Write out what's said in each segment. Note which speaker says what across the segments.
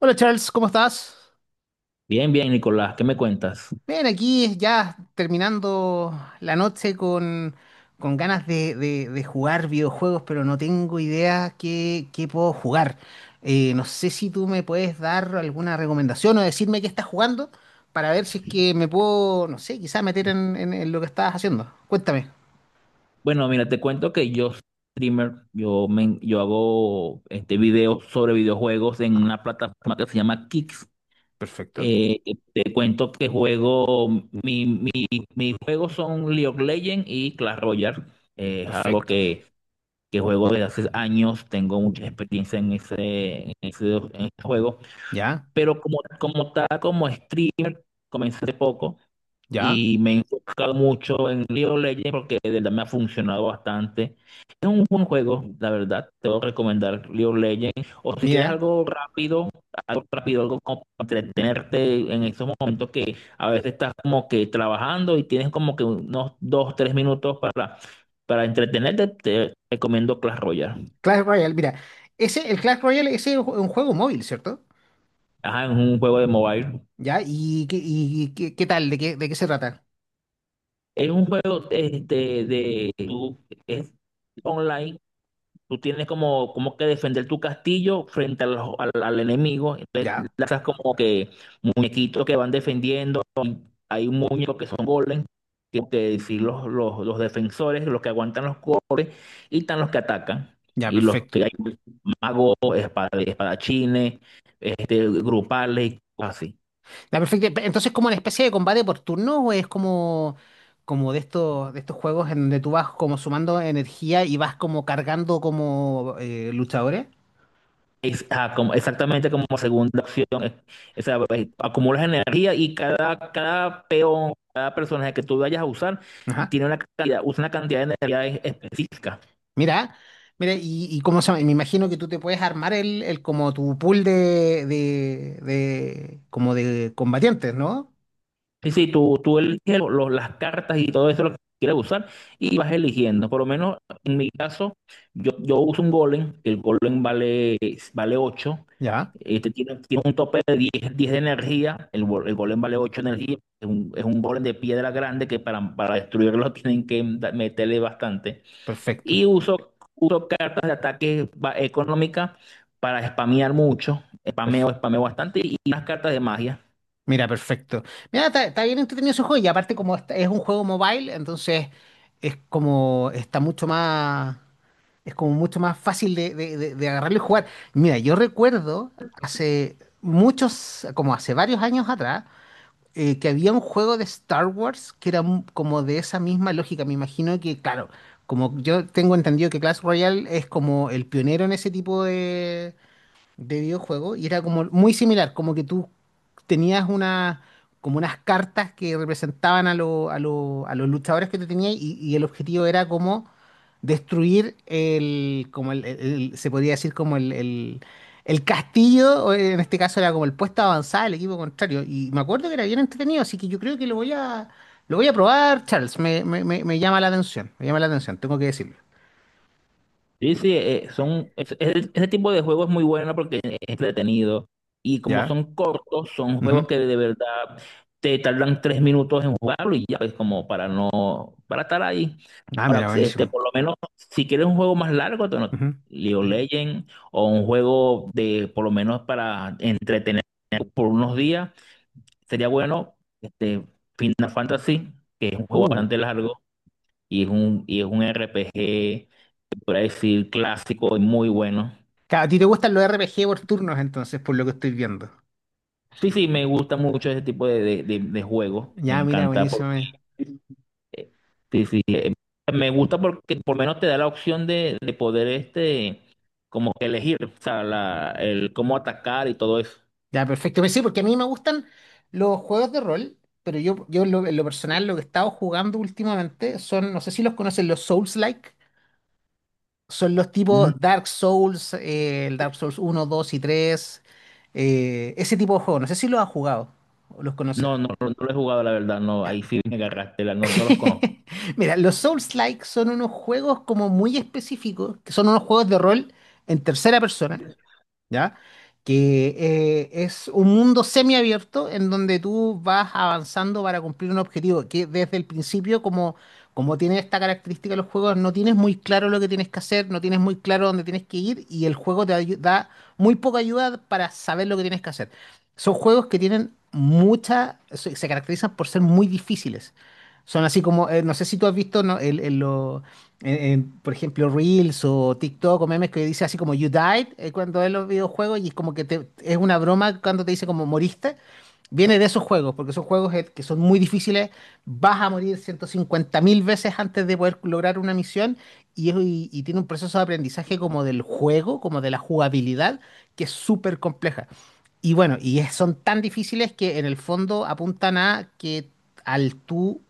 Speaker 1: Hola Charles, ¿cómo estás?
Speaker 2: Bien, bien, Nicolás, ¿qué me cuentas?
Speaker 1: Bien, aquí ya terminando la noche con ganas de jugar videojuegos, pero no tengo idea qué puedo jugar. No sé si tú me puedes dar alguna recomendación o decirme qué estás jugando para ver si es que me puedo, no sé, quizás meter en lo que estabas haciendo. Cuéntame.
Speaker 2: Bueno, mira, te cuento que yo soy streamer, yo hago videos sobre videojuegos en
Speaker 1: Ah,
Speaker 2: una plataforma que se llama Kicks.
Speaker 1: perfecto,
Speaker 2: Eh, Te cuento que juego, mis juegos son League of Legends y Clash Royale. Eh, es algo
Speaker 1: perfecto.
Speaker 2: que, que juego desde hace años, tengo mucha experiencia en en ese juego,
Speaker 1: Ya,
Speaker 2: pero como tal, como streamer, comencé hace poco.
Speaker 1: ya.
Speaker 2: Y me he enfocado mucho en League of Legends porque de verdad me ha funcionado bastante. Es un buen juego, la verdad. Te voy a recomendar League of Legends. O si quieres
Speaker 1: Mira,
Speaker 2: algo rápido, algo rápido, algo como para entretenerte en esos momentos que a veces estás como que trabajando y tienes como que unos dos, tres minutos para entretenerte, te recomiendo Clash Royale.
Speaker 1: Clash Royale, mira. El Clash Royale, ese es un juego móvil, ¿cierto?
Speaker 2: Ajá, es un juego de mobile.
Speaker 1: ¿Ya? ¿Y qué tal? ¿De de qué se trata?
Speaker 2: Es un juego. Es online. Tú tienes como, como que defender tu castillo frente a al enemigo. Entonces
Speaker 1: ¿Ya?
Speaker 2: lanzas como que muñequitos que van defendiendo. Hay un muñeco que son golems, que sí, los defensores, los que aguantan los golpes, y están los que atacan.
Speaker 1: Ya,
Speaker 2: Y los que
Speaker 1: perfecto.
Speaker 2: hay magos, espadachines, grupales y cosas así.
Speaker 1: Ya, perfecto. Entonces, ¿como una especie de combate por turno o es como, como de de estos juegos en donde tú vas como sumando energía y vas como cargando como luchadores?
Speaker 2: Exactamente como segunda opción. O sea, acumulas energía y cada peón, cada personaje que tú vayas a usar,
Speaker 1: Ajá.
Speaker 2: usa una cantidad de energía específica.
Speaker 1: Mira, mira, y cómo se llama, me imagino que tú te puedes armar el como tu pool como de combatientes, ¿no?
Speaker 2: Sí, sí, tú eliges las cartas y todo eso lo que quieres usar y vas eligiendo. Por lo menos en mi caso, yo uso un golem, que el golem vale ocho.
Speaker 1: Ya,
Speaker 2: Este tiene, tiene un tope de 10 10 de energía, el golem vale 8 energía, es un golem de piedra grande que para destruirlo tienen que meterle bastante.
Speaker 1: perfecto.
Speaker 2: Y uso, uso cartas de ataque económica para spamear mucho, spameo bastante y unas cartas de magia.
Speaker 1: Mira, perfecto. Mira, está bien entretenido ese juego y aparte como es un juego mobile, entonces es como está mucho más, es como mucho más fácil de agarrarlo y jugar. Mira, yo recuerdo hace muchos, como hace varios años atrás, que había un juego de Star Wars que era como de esa misma lógica. Me imagino que, claro, como yo tengo entendido que Clash Royale es como el pionero en ese tipo de videojuego y era como muy similar, como que tú tenías una, como unas cartas que representaban a, a los luchadores que tú tenías y el objetivo era como destruir el, como el- se podría decir como el castillo, o en este caso era como el puesto avanzado del equipo contrario y me acuerdo que era bien entretenido, así que yo creo que lo voy a probar, Charles, me llama la atención, me llama la atención, tengo que decirlo.
Speaker 2: Sí, sí, ese tipo de juego es muy bueno porque es entretenido y como
Speaker 1: ¿Ya?
Speaker 2: son cortos, son
Speaker 1: Ujú.
Speaker 2: juegos que de verdad te tardan tres minutos en jugarlo y ya es como para no, para estar ahí.
Speaker 1: Ah,
Speaker 2: Ahora,
Speaker 1: mira, buenísimo.
Speaker 2: por lo menos, si quieres un juego más largo, te no-
Speaker 1: Ujú.
Speaker 2: League of Legends o un juego de, por lo menos para entretener por unos días, sería bueno, este, Final Fantasy, que es un juego
Speaker 1: Uh,
Speaker 2: bastante largo y y es un RPG por ahí decir clásico y muy bueno.
Speaker 1: Claro, a ti te gustan los RPG por turnos, entonces, por lo que estoy viendo.
Speaker 2: Sí, sí, me gusta mucho ese tipo de juegos. Me
Speaker 1: Ya, mira,
Speaker 2: encanta
Speaker 1: buenísimo.
Speaker 2: porque eh, sí, sí, me gusta porque por lo menos te da la opción de poder como que elegir, o sea, el cómo atacar y todo eso.
Speaker 1: Ya, perfecto. Pues sí, porque a mí me gustan los juegos de rol, pero yo en en lo personal, lo que he estado jugando últimamente son, no sé si los conocen, los Souls-like. Son los
Speaker 2: No,
Speaker 1: tipos Dark Souls, el Dark Souls 1, 2 y 3 ese tipo de juegos. No sé si los has jugado o los conoces.
Speaker 2: no, no, no lo he jugado, la verdad, no,
Speaker 1: Ya.
Speaker 2: ahí sí me agarraste, no, no los conozco.
Speaker 1: Mira, los Souls-like son unos juegos como muy específicos, que son unos juegos de rol en tercera persona. ¿Ya? Que es un mundo semiabierto en donde tú vas avanzando para cumplir un objetivo, que desde el principio, como, como tiene esta característica los juegos, no tienes muy claro lo que tienes que hacer, no tienes muy claro dónde tienes que ir y el juego da muy poca ayuda para saber lo que tienes que hacer. Son juegos que tienen mucha, se caracterizan por ser muy difíciles. Son así como, no sé si tú has visto, ¿no? En, por ejemplo, Reels o TikTok o memes que dice así como You died cuando es los videojuegos y es como que te, es una broma cuando te dice como moriste. Viene de esos juegos, porque son juegos que son muy difíciles, vas a morir 150.000 veces antes de poder lograr una misión y tiene un proceso de aprendizaje como del juego, como de la jugabilidad, que es súper compleja. Y bueno, son tan difíciles que en el fondo apuntan a que al tú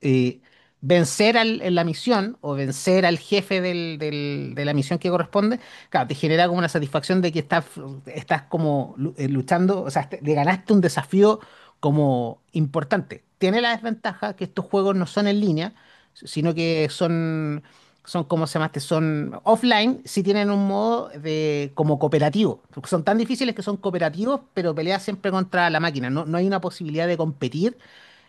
Speaker 1: eh, vencer en la misión o vencer al jefe de la misión que corresponde, claro, te genera como una satisfacción de que estás, estás como luchando, o sea, le ganaste un desafío como importante. Tiene la desventaja que estos juegos no son en línea, sino que son, son como se llama este? Son offline, sí tienen un modo de como cooperativo. Son tan difíciles que son cooperativos, pero peleas siempre contra la máquina. No hay una posibilidad de competir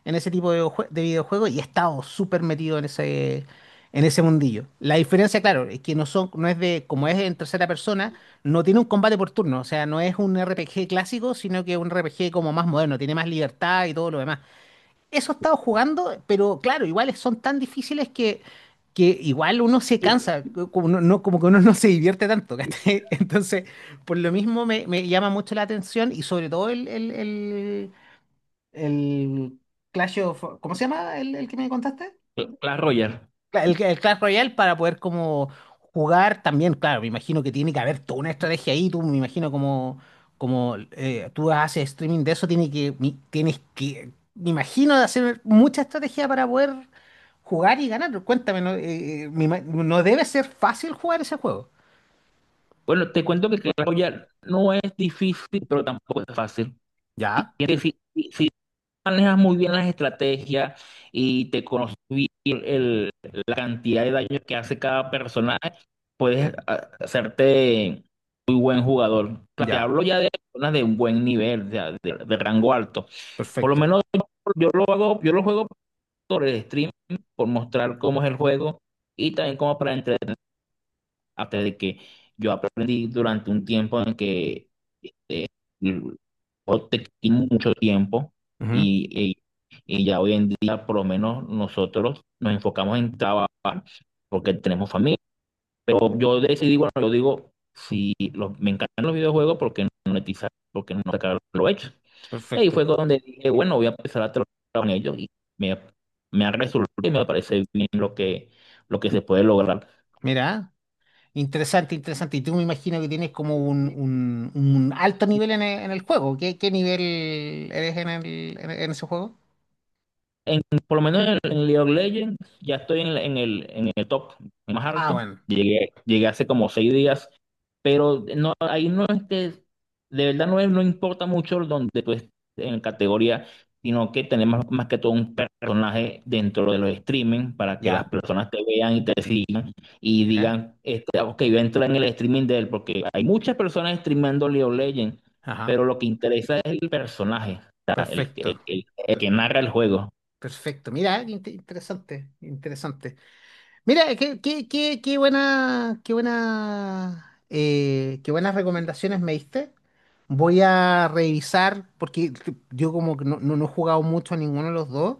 Speaker 1: en ese tipo de, de videojuegos y he estado súper metido en ese mundillo. La diferencia, claro, es que no son, no es de, como es en tercera persona, no tiene un combate por turno, o sea, no es un RPG clásico, sino que un RPG como más moderno, tiene más libertad y todo lo demás. Eso he estado jugando, pero claro, igual son tan difíciles que igual uno se cansa, como, como que uno no se divierte tanto, ¿cachai? Entonces, por lo mismo me llama mucho la atención y sobre todo el Clash of... ¿Cómo se llama el que me contaste?
Speaker 2: Clash Royale.
Speaker 1: El Clash Royale para poder como jugar también, claro, me imagino que tiene que haber toda una estrategia ahí, tú me imagino como, como tú haces streaming de eso, tiene que, tienes que, me imagino de hacer mucha estrategia para poder jugar y ganar. Cuéntame, no, me no debe ser fácil jugar ese juego.
Speaker 2: Bueno, te cuento que Clash Royale no es difícil, pero tampoco es fácil.
Speaker 1: Ya,
Speaker 2: Sí, sí, sí, manejas muy bien las estrategias y te conoces bien el- la cantidad de daño que hace cada personaje, puedes hacerte muy buen jugador. Claro, te
Speaker 1: ya,
Speaker 2: hablo ya de personas de un buen nivel, de rango alto. Por lo
Speaker 1: perfecto.
Speaker 2: menos yo lo hago, yo lo juego por el stream, por mostrar cómo es el juego y también como para entretenerte de que yo aprendí durante un tiempo en que mm, o te quita mucho tiempo
Speaker 1: Ujú,
Speaker 2: y, y- y ya hoy en día por lo menos nosotros nos enfocamos en trabajar porque tenemos familia. Pero yo decidí, bueno, yo digo, si los- me encantan los videojuegos, ¿por qué no monetizar? ¿Por qué no sacar lo hecho? Y ahí
Speaker 1: perfecto.
Speaker 2: fue donde dije, bueno, voy a empezar a trabajar con ellos y me, me ha resultado y me parece bien lo que se puede lograr.
Speaker 1: Mira. Interesante, interesante. Y tú me imagino que tienes como un, un alto nivel en en el, juego. ¿Qué, qué nivel eres en ese juego?
Speaker 2: En, por lo menos en League of Legends ya estoy en, en el top más
Speaker 1: Ah,
Speaker 2: alto.
Speaker 1: bueno,
Speaker 2: Llegué hace como seis días, pero no, ahí no es que, de verdad no, no importa mucho donde tú estés en categoría, sino que tenemos más que todo un personaje dentro de los streaming para que las
Speaker 1: ya,
Speaker 2: personas te vean y te sigan y
Speaker 1: mira.
Speaker 2: digan, ah, ok, voy a entrar en el streaming de él, porque hay muchas personas streameando League of Legends,
Speaker 1: Ajá,
Speaker 2: pero lo que interesa es el personaje, o sea,
Speaker 1: perfecto,
Speaker 2: el que narra el juego.
Speaker 1: perfecto. Mira, qué interesante, interesante. Mira, qué buena, qué buena, qué buenas recomendaciones me diste. Voy a revisar, porque yo como que no he jugado mucho a ninguno de los dos.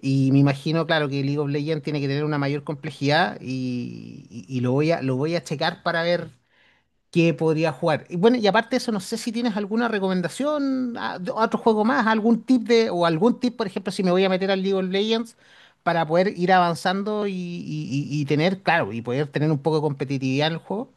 Speaker 1: Y me imagino, claro, que League of Legends tiene que tener una mayor complejidad y lo voy a checar para ver qué podría jugar. Y bueno, y aparte de eso, no sé si tienes alguna recomendación, a, de otro juego más, algún tip de, o algún tip, por ejemplo, si me voy a meter al League of Legends para poder ir avanzando y tener, claro, y poder tener un poco de competitividad en el juego.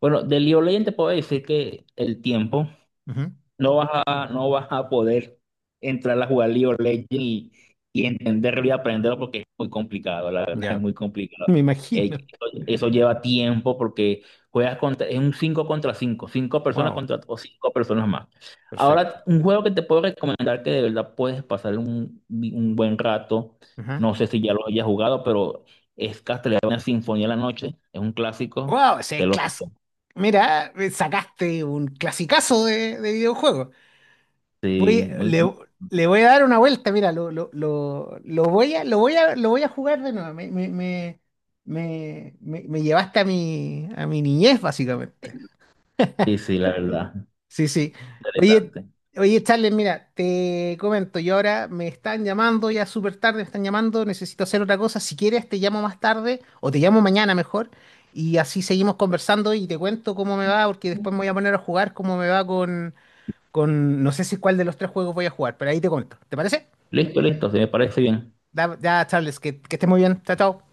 Speaker 2: Bueno, de League of Legends te puedo decir que el tiempo
Speaker 1: Ujú.
Speaker 2: no vas a poder entrar a jugar League of Legends y entenderlo y aprenderlo porque es muy complicado, la verdad es
Speaker 1: Ya,
Speaker 2: muy complicado.
Speaker 1: me imagino.
Speaker 2: Eso lleva tiempo porque juegas contra, es un 5 contra 5, 5 personas
Speaker 1: Wow,
Speaker 2: contra o 5 personas más.
Speaker 1: perfecto.
Speaker 2: Ahora, un juego que te puedo recomendar que de verdad puedes pasar un buen rato, no sé si ya lo hayas jugado, pero es Castlevania Sinfonía de la Noche, es un clásico,
Speaker 1: Wow, ese es
Speaker 2: te lo
Speaker 1: clas.
Speaker 2: recomiendo.
Speaker 1: Mira, me sacaste un clasicazo de videojuego. Voy,
Speaker 2: Sí, muy,
Speaker 1: le, le voy a dar una vuelta, mira, lo voy a, lo voy a jugar de nuevo. Me llevaste a a mi niñez, básicamente.
Speaker 2: sí, sí, la verdad.
Speaker 1: Sí, sí. Oye,
Speaker 2: Interesante.
Speaker 1: oye, Charles, mira, te comento, yo ahora me están llamando ya súper tarde, me están llamando, necesito hacer otra cosa. Si quieres, te llamo más tarde o te llamo mañana mejor y así seguimos conversando y te cuento cómo me va, porque después me voy a poner a jugar cómo me va con, no sé si cuál de los 3 juegos voy a jugar, pero ahí te cuento. ¿Te parece?
Speaker 2: Listo, listo, se me parece bien.
Speaker 1: Ya, Charles, que estés muy bien. Chao, chao.